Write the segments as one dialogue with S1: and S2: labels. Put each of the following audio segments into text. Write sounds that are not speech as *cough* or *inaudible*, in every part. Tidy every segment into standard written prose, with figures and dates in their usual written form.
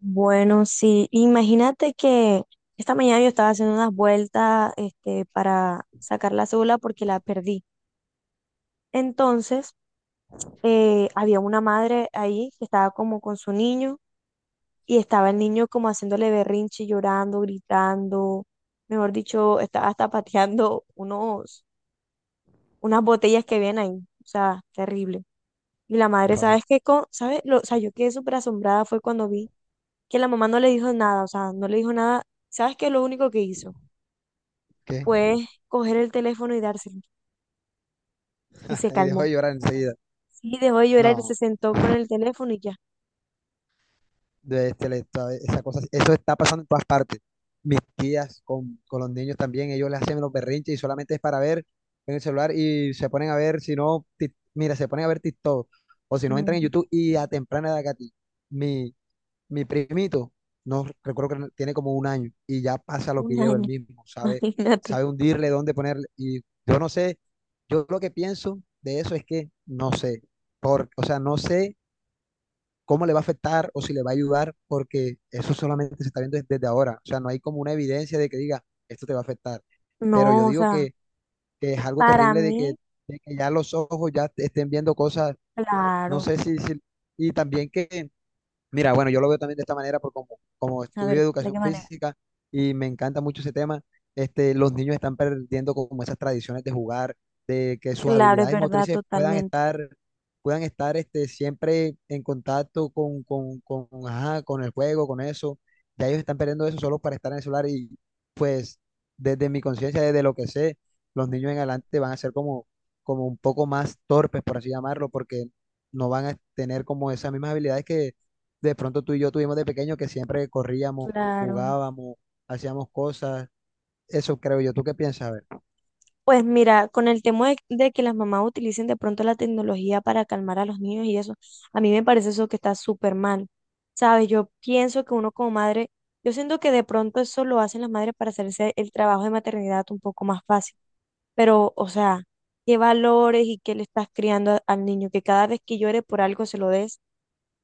S1: Bueno, sí, imagínate que esta mañana yo estaba haciendo unas vueltas para sacar la cédula porque la perdí. Entonces, había una madre ahí que estaba como con su niño y estaba el niño como haciéndole berrinche, llorando, gritando, mejor dicho, estaba hasta pateando unas botellas que habían ahí, o sea, terrible. Y la madre,
S2: Wow,
S1: ¿sabes qué? O sea, yo quedé súper asombrada fue cuando vi que la mamá no le dijo nada, o sea, no le dijo nada. ¿Sabes qué es lo único que hizo?
S2: ¿qué?
S1: Fue coger el teléfono y dárselo. Y se
S2: *laughs* Y dejó
S1: calmó.
S2: de llorar enseguida.
S1: Sí, dejó de llorar y
S2: No,
S1: se sentó con el teléfono y ya.
S2: esa cosa, eso está pasando en todas partes. Mis tías con los niños también, ellos les hacen los berrinches y solamente es para ver en el celular y se ponen a ver, si no, mira, se ponen a ver TikTok o si no
S1: Mm.
S2: entran en YouTube y a temprana edad, Katy, mi, mi primito, no recuerdo que tiene como un año y ya pasa los
S1: Un
S2: videos él
S1: año,
S2: mismo,
S1: *laughs*
S2: sabe,
S1: imagínate.
S2: sabe hundirle, dónde ponerle. Y yo no sé, yo lo que pienso de eso es que no sé, o sea, no sé cómo le va a afectar o si le va a ayudar, porque eso solamente se está viendo desde ahora. O sea, no hay como una evidencia de que diga, esto te va a afectar. Pero yo
S1: No, o
S2: digo
S1: sea,
S2: que es algo
S1: para
S2: terrible
S1: mí,
S2: de que ya los ojos ya te estén viendo cosas, no
S1: claro.
S2: sé si y también que. Mira, bueno, yo lo veo también de esta manera porque como
S1: A
S2: estudio
S1: ver, ¿de
S2: educación
S1: qué manera?
S2: física y me encanta mucho ese tema, este, los niños están perdiendo como esas tradiciones de jugar, de que sus
S1: Claro, es
S2: habilidades
S1: verdad,
S2: motrices
S1: totalmente.
S2: puedan estar este, siempre en contacto ajá, con el juego, con eso. Ya ellos están perdiendo eso solo para estar en el celular y pues desde mi conciencia, desde lo que sé, los niños en adelante van a ser como, como un poco más torpes, por así llamarlo, porque no van a tener como esas mismas habilidades que de pronto tú y yo tuvimos de pequeño que siempre corríamos,
S1: Claro.
S2: jugábamos, hacíamos cosas. Eso creo yo. ¿Tú qué piensas? A ver,
S1: Pues mira, con el tema de que las mamás utilicen de pronto la tecnología para calmar a los niños y eso, a mí me parece eso que está súper mal. ¿Sabes? Yo pienso que uno como madre, yo siento que de pronto eso lo hacen las madres para hacerse el trabajo de maternidad un poco más fácil. Pero, o sea, qué valores y qué le estás criando al niño, que cada vez que llore por algo se lo des,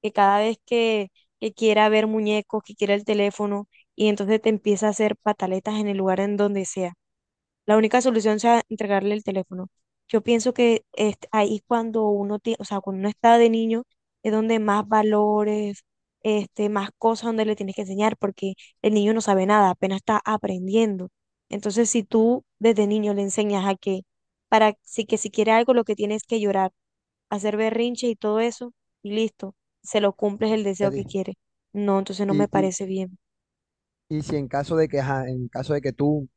S1: que cada vez que, que quiera ver muñecos, que quiera el teléfono, y entonces te empieza a hacer pataletas en el lugar en donde sea. La única solución sea entregarle el teléfono. Yo pienso que es ahí cuando uno, tie- o sea, cuando uno está de niño, es donde más valores, más cosas donde le tienes que enseñar, porque el niño no sabe nada, apenas está aprendiendo. Entonces, si tú desde niño le enseñas a que, para si que si quiere algo, lo que tienes es que llorar, hacer berrinche y todo eso, y listo, se lo cumples el
S2: a
S1: deseo
S2: ti.
S1: que quiere. No, entonces no me
S2: Y, y,
S1: parece bien.
S2: y si en caso de que, ajá, en caso de que tú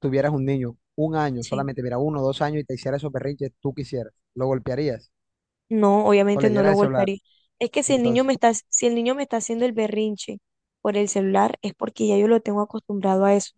S2: tuvieras un niño, un año
S1: Sí.
S2: solamente, mira, uno, dos años y te hiciera esos berrinches, tú quisieras, ¿lo golpearías
S1: No,
S2: o
S1: obviamente
S2: le
S1: no
S2: dieras
S1: lo
S2: el celular?
S1: golpearía. Es que si el niño
S2: Entonces,
S1: me está, si el niño me está haciendo el berrinche por el celular, es porque ya yo lo tengo acostumbrado a eso.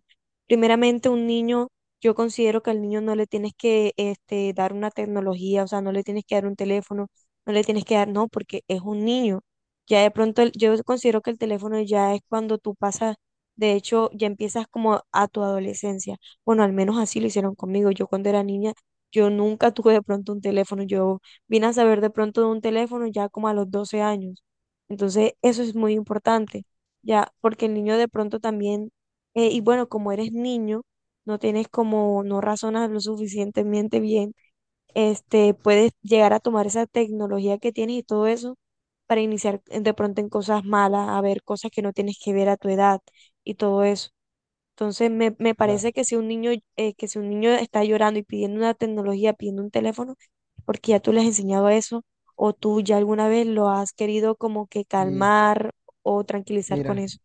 S1: Primeramente, un niño, yo considero que al niño no le tienes que dar una tecnología, o sea, no le tienes que dar un teléfono, no le tienes que dar, no, porque es un niño. Ya de pronto, yo considero que el teléfono ya es cuando tú pasas, de hecho, ya empiezas como a tu adolescencia. Bueno, al menos así lo hicieron conmigo. Yo cuando era niña, yo nunca *laughs* tuve de pronto un teléfono, yo vine a saber de pronto de un teléfono ya como a los 12 años. Entonces, eso es muy importante, ya, porque el niño de pronto también, y bueno, como eres niño, no tienes como, no razonas lo suficientemente bien, puedes llegar a tomar esa tecnología que tienes y todo eso para iniciar de pronto en cosas malas, a ver cosas que no tienes que ver a tu edad y todo eso. Entonces me parece
S2: claro.
S1: que que si un niño está llorando y pidiendo una tecnología, pidiendo un teléfono, porque ya tú le has enseñado eso, o tú ya alguna vez lo has querido como que
S2: Y
S1: calmar o tranquilizar con
S2: mira,
S1: eso.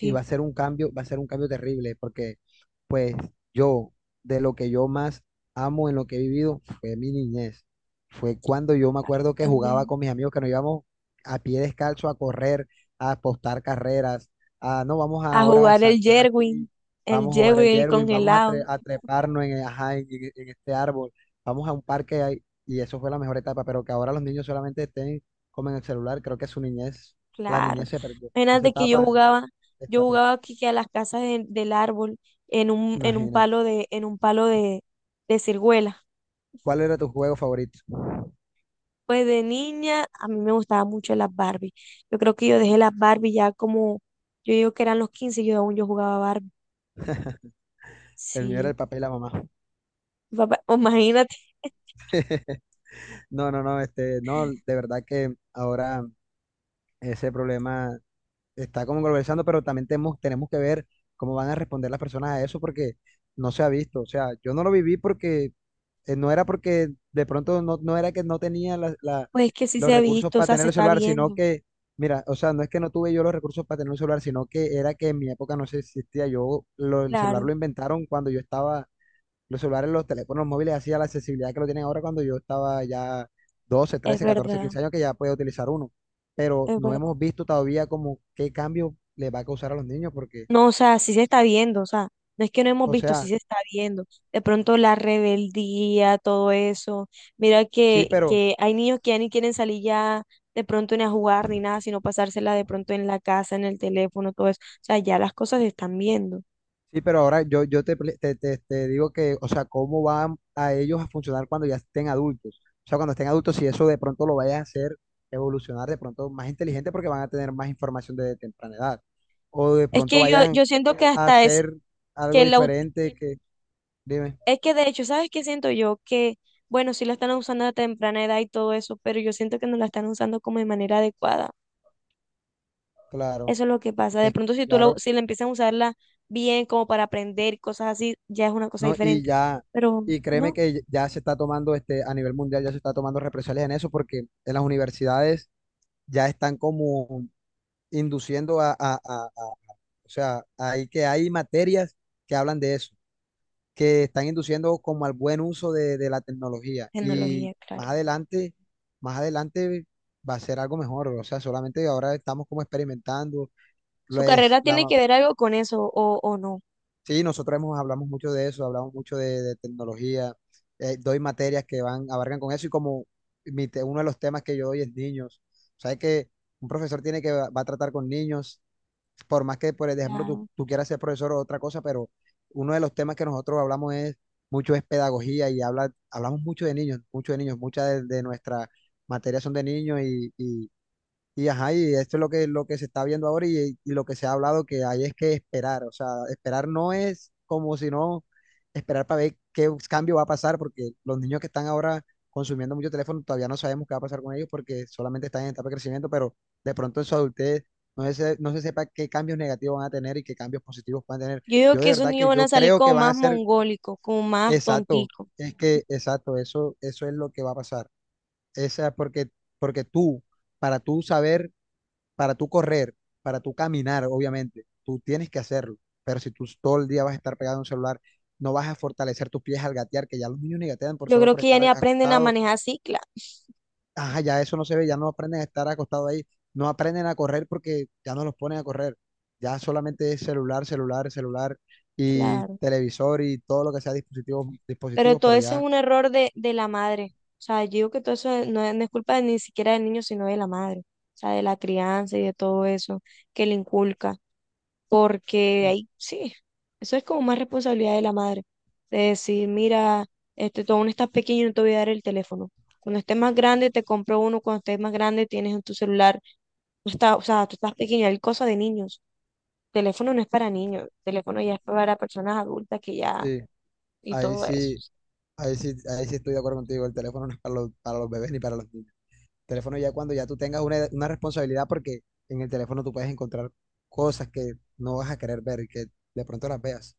S2: y va a ser un cambio, va a ser un cambio terrible, porque pues yo, de lo que yo más amo en lo que he vivido fue mi niñez. Fue cuando yo me
S1: claro, yo
S2: acuerdo que jugaba
S1: también.
S2: con mis amigos, que nos íbamos a pie descalzo a correr, a apostar carreras, a no, vamos
S1: A
S2: ahora a
S1: jugar el
S2: saltar
S1: Jerwin,
S2: aquí,
S1: el
S2: vamos a jugar
S1: Jerwin,
S2: el
S1: el
S2: Jerwin, vamos a,
S1: congelado,
S2: a treparnos en, ajá, en este árbol, vamos a un parque ahí, y eso fue la mejor etapa, pero que ahora los niños solamente estén como en el celular, creo que su niñez, la
S1: claro.
S2: niñez se perdió. Esa
S1: Imagínate que
S2: etapa
S1: yo
S2: está perdida.
S1: jugaba aquí que a las casas del árbol, en un
S2: Imagínate.
S1: palo de ciruela.
S2: ¿Cuál era tu juego favorito?
S1: Pues de niña a mí me gustaban mucho las Barbie. Yo creo que yo dejé las Barbie ya como, yo digo que eran los 15 y yo aún yo jugaba Barbie.
S2: El mío era
S1: Sí,
S2: el papel y la mamá.
S1: papá, *laughs* imagínate,
S2: *laughs* No, este, no, de verdad que ahora ese problema está como conversando, pero también tenemos, tenemos que ver cómo van a responder las personas a eso porque no se ha visto. O sea, yo no lo viví porque no era porque de pronto no, no era que no tenía
S1: pues es que sí
S2: los
S1: se ha
S2: recursos
S1: visto, o
S2: para
S1: sea,
S2: tener
S1: se
S2: el
S1: está
S2: celular, sino
S1: viendo.
S2: que, mira, o sea, no es que no tuve yo los recursos para tener un celular, sino que era que en mi época no se existía. Yo, el celular
S1: Claro,
S2: lo inventaron cuando yo estaba. Los celulares, los teléfonos móviles, así a la accesibilidad que lo tienen ahora cuando yo estaba ya 12,
S1: es
S2: 13, 14,
S1: verdad,
S2: 15 años que ya puede utilizar uno. Pero
S1: es
S2: no
S1: verdad.
S2: hemos visto todavía como qué cambio le va a causar a los niños porque,
S1: No, o sea, sí se está viendo, o sea, no es que no hemos
S2: o
S1: visto, sí
S2: sea,
S1: se está viendo. De pronto la rebeldía, todo eso. Mira
S2: sí,
S1: que,
S2: pero,
S1: que hay niños que ya ni quieren salir ya de pronto ni a jugar ni nada, sino pasársela de pronto en la casa, en el teléfono, todo eso. O sea, ya las cosas se están viendo.
S2: sí, pero ahora yo, yo te, te, te digo que, o sea, cómo van a ellos a funcionar cuando ya estén adultos. O sea, cuando estén adultos, si eso de pronto lo vaya a hacer evolucionar de pronto más inteligente porque van a tener más información desde temprana edad. O de
S1: Es
S2: pronto
S1: que yo,
S2: vayan
S1: yo siento que
S2: a
S1: hasta es
S2: hacer algo
S1: que la
S2: diferente que, dime.
S1: Es que de hecho, ¿sabes qué siento yo? Que, bueno, sí la están usando a temprana edad y todo eso, pero yo siento que no la están usando como de manera adecuada.
S2: Claro,
S1: Eso es lo que pasa. De
S2: es,
S1: pronto,
S2: claro,
S1: si la empiezan a usarla bien, como para aprender y cosas así, ya es una cosa
S2: no, y
S1: diferente.
S2: ya,
S1: Pero
S2: y créeme
S1: no,
S2: que ya se está tomando, este, a nivel mundial ya se está tomando represalias en eso, porque en las universidades ya están como induciendo o sea, hay que hay materias que hablan de eso, que están induciendo como al buen uso de la tecnología, y
S1: tecnología, claro.
S2: más adelante va a ser algo mejor, o sea, solamente ahora estamos como experimentando,
S1: Su
S2: pues,
S1: carrera tiene
S2: la.
S1: que ver algo con eso, o no.
S2: Sí, nosotros hemos, hablamos mucho de eso, hablamos mucho de tecnología, doy materias que van, abarcan con eso y como uno de los temas que yo doy es niños. O sea, que un profesor tiene que, va, va a tratar con niños, por más que, por ejemplo,
S1: Claro.
S2: tú quieras ser profesor o otra cosa, pero uno de los temas que nosotros hablamos es mucho es pedagogía y habla, hablamos mucho de niños, muchas de nuestras materias son de niños y ajá, y esto es lo lo que se está viendo ahora y lo que se ha hablado que hay es que esperar, o sea, esperar no es como si no esperar para ver qué cambio va a pasar, porque los niños que están ahora consumiendo mucho teléfono todavía no sabemos qué va a pasar con ellos porque solamente están en etapa de crecimiento, pero de pronto en su adultez no se sepa qué cambios negativos van a tener y qué cambios positivos van a tener.
S1: Yo digo
S2: Yo
S1: que
S2: de
S1: esos
S2: verdad
S1: niños
S2: que
S1: van
S2: yo
S1: a salir
S2: creo
S1: como
S2: que van
S1: más
S2: a ser
S1: mongólicos, como más
S2: exacto,
S1: tonticos.
S2: es que exacto, eso es lo que va a pasar. Esa porque, porque tú, para tú saber, para tú correr, para tú caminar, obviamente, tú tienes que hacerlo, pero si tú todo el día vas a estar pegado a un celular, no vas a fortalecer tus pies al gatear, que ya los niños ni gatean por
S1: Yo
S2: solo
S1: creo
S2: por
S1: que ya
S2: estar
S1: ni aprenden a
S2: acostados,
S1: manejar cicla.
S2: ajá, ya eso no se ve, ya no aprenden a estar acostados ahí, no aprenden a correr porque ya no los ponen a correr, ya solamente es celular, celular, celular y
S1: Claro.
S2: televisor y todo lo que sea dispositivos,
S1: Pero
S2: dispositivos,
S1: todo
S2: pero
S1: eso es
S2: ya,
S1: un error de la madre. O sea, yo digo que todo eso no es culpa ni siquiera del niño, sino de la madre. O sea, de la crianza y de todo eso que le inculca. Porque
S2: mm,
S1: ahí sí, eso es como más responsabilidad de la madre. De decir, mira, tú aún estás pequeño, no te voy a dar el teléfono. Cuando estés más grande, te compro uno. Cuando estés más grande, tienes en tu celular. O sea, tú estás pequeño, hay cosas de niños. Teléfono no es para niños, teléfono ya es para personas adultas que ya,
S2: sí,
S1: y
S2: ahí
S1: todo eso.
S2: sí, ahí sí, ahí sí estoy de acuerdo contigo, el teléfono no es para los bebés ni para los niños. Teléfono ya cuando ya tú tengas una responsabilidad, porque en el teléfono tú puedes encontrar cosas que no vas a querer ver y que de pronto las veas.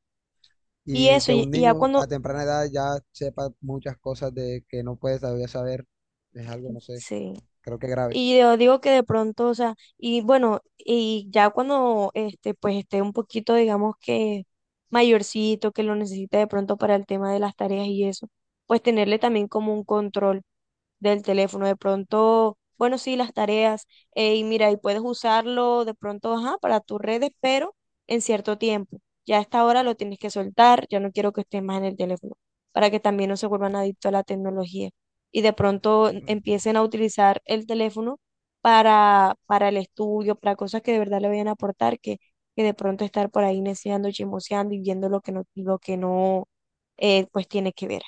S1: Y
S2: Y
S1: eso,
S2: que
S1: y,
S2: un
S1: y ya
S2: niño a
S1: cuando,
S2: temprana edad ya sepa muchas cosas de que no puede todavía saber, es algo, no sé,
S1: sí,
S2: creo que grave.
S1: y yo digo que de pronto, o sea, y bueno, y ya cuando, pues esté un poquito, digamos que mayorcito, que lo necesite de pronto para el tema de las tareas y eso, pues tenerle también como un control. Del teléfono. De pronto, bueno, sí, las tareas. Y mira, y puedes usarlo de pronto, ajá, para tus redes, pero en cierto tiempo. Ya a esta hora lo tienes que soltar, ya no quiero que estés más en el teléfono, para que también no se vuelvan adictos a la tecnología. Y de pronto empiecen a utilizar el teléfono para el estudio, para cosas que de verdad le vayan a aportar, que de pronto estar por ahí neceando, chismoseando y viendo lo que no pues tiene que ver.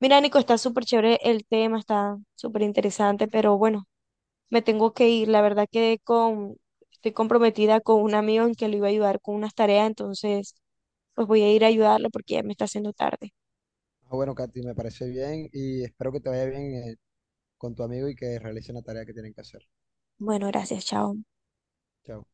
S1: Mira, Nico, está súper chévere el tema, está súper interesante, pero bueno, me tengo que ir. La verdad quedé con, Estoy comprometida con un amigo en que le iba a ayudar con unas tareas, entonces pues voy a ir a ayudarlo porque ya me está haciendo tarde.
S2: Ah, bueno, Katy, me parece bien y espero que te vaya bien con tu amigo y que realicen la tarea que tienen que hacer.
S1: Bueno, gracias, chao.
S2: Chao.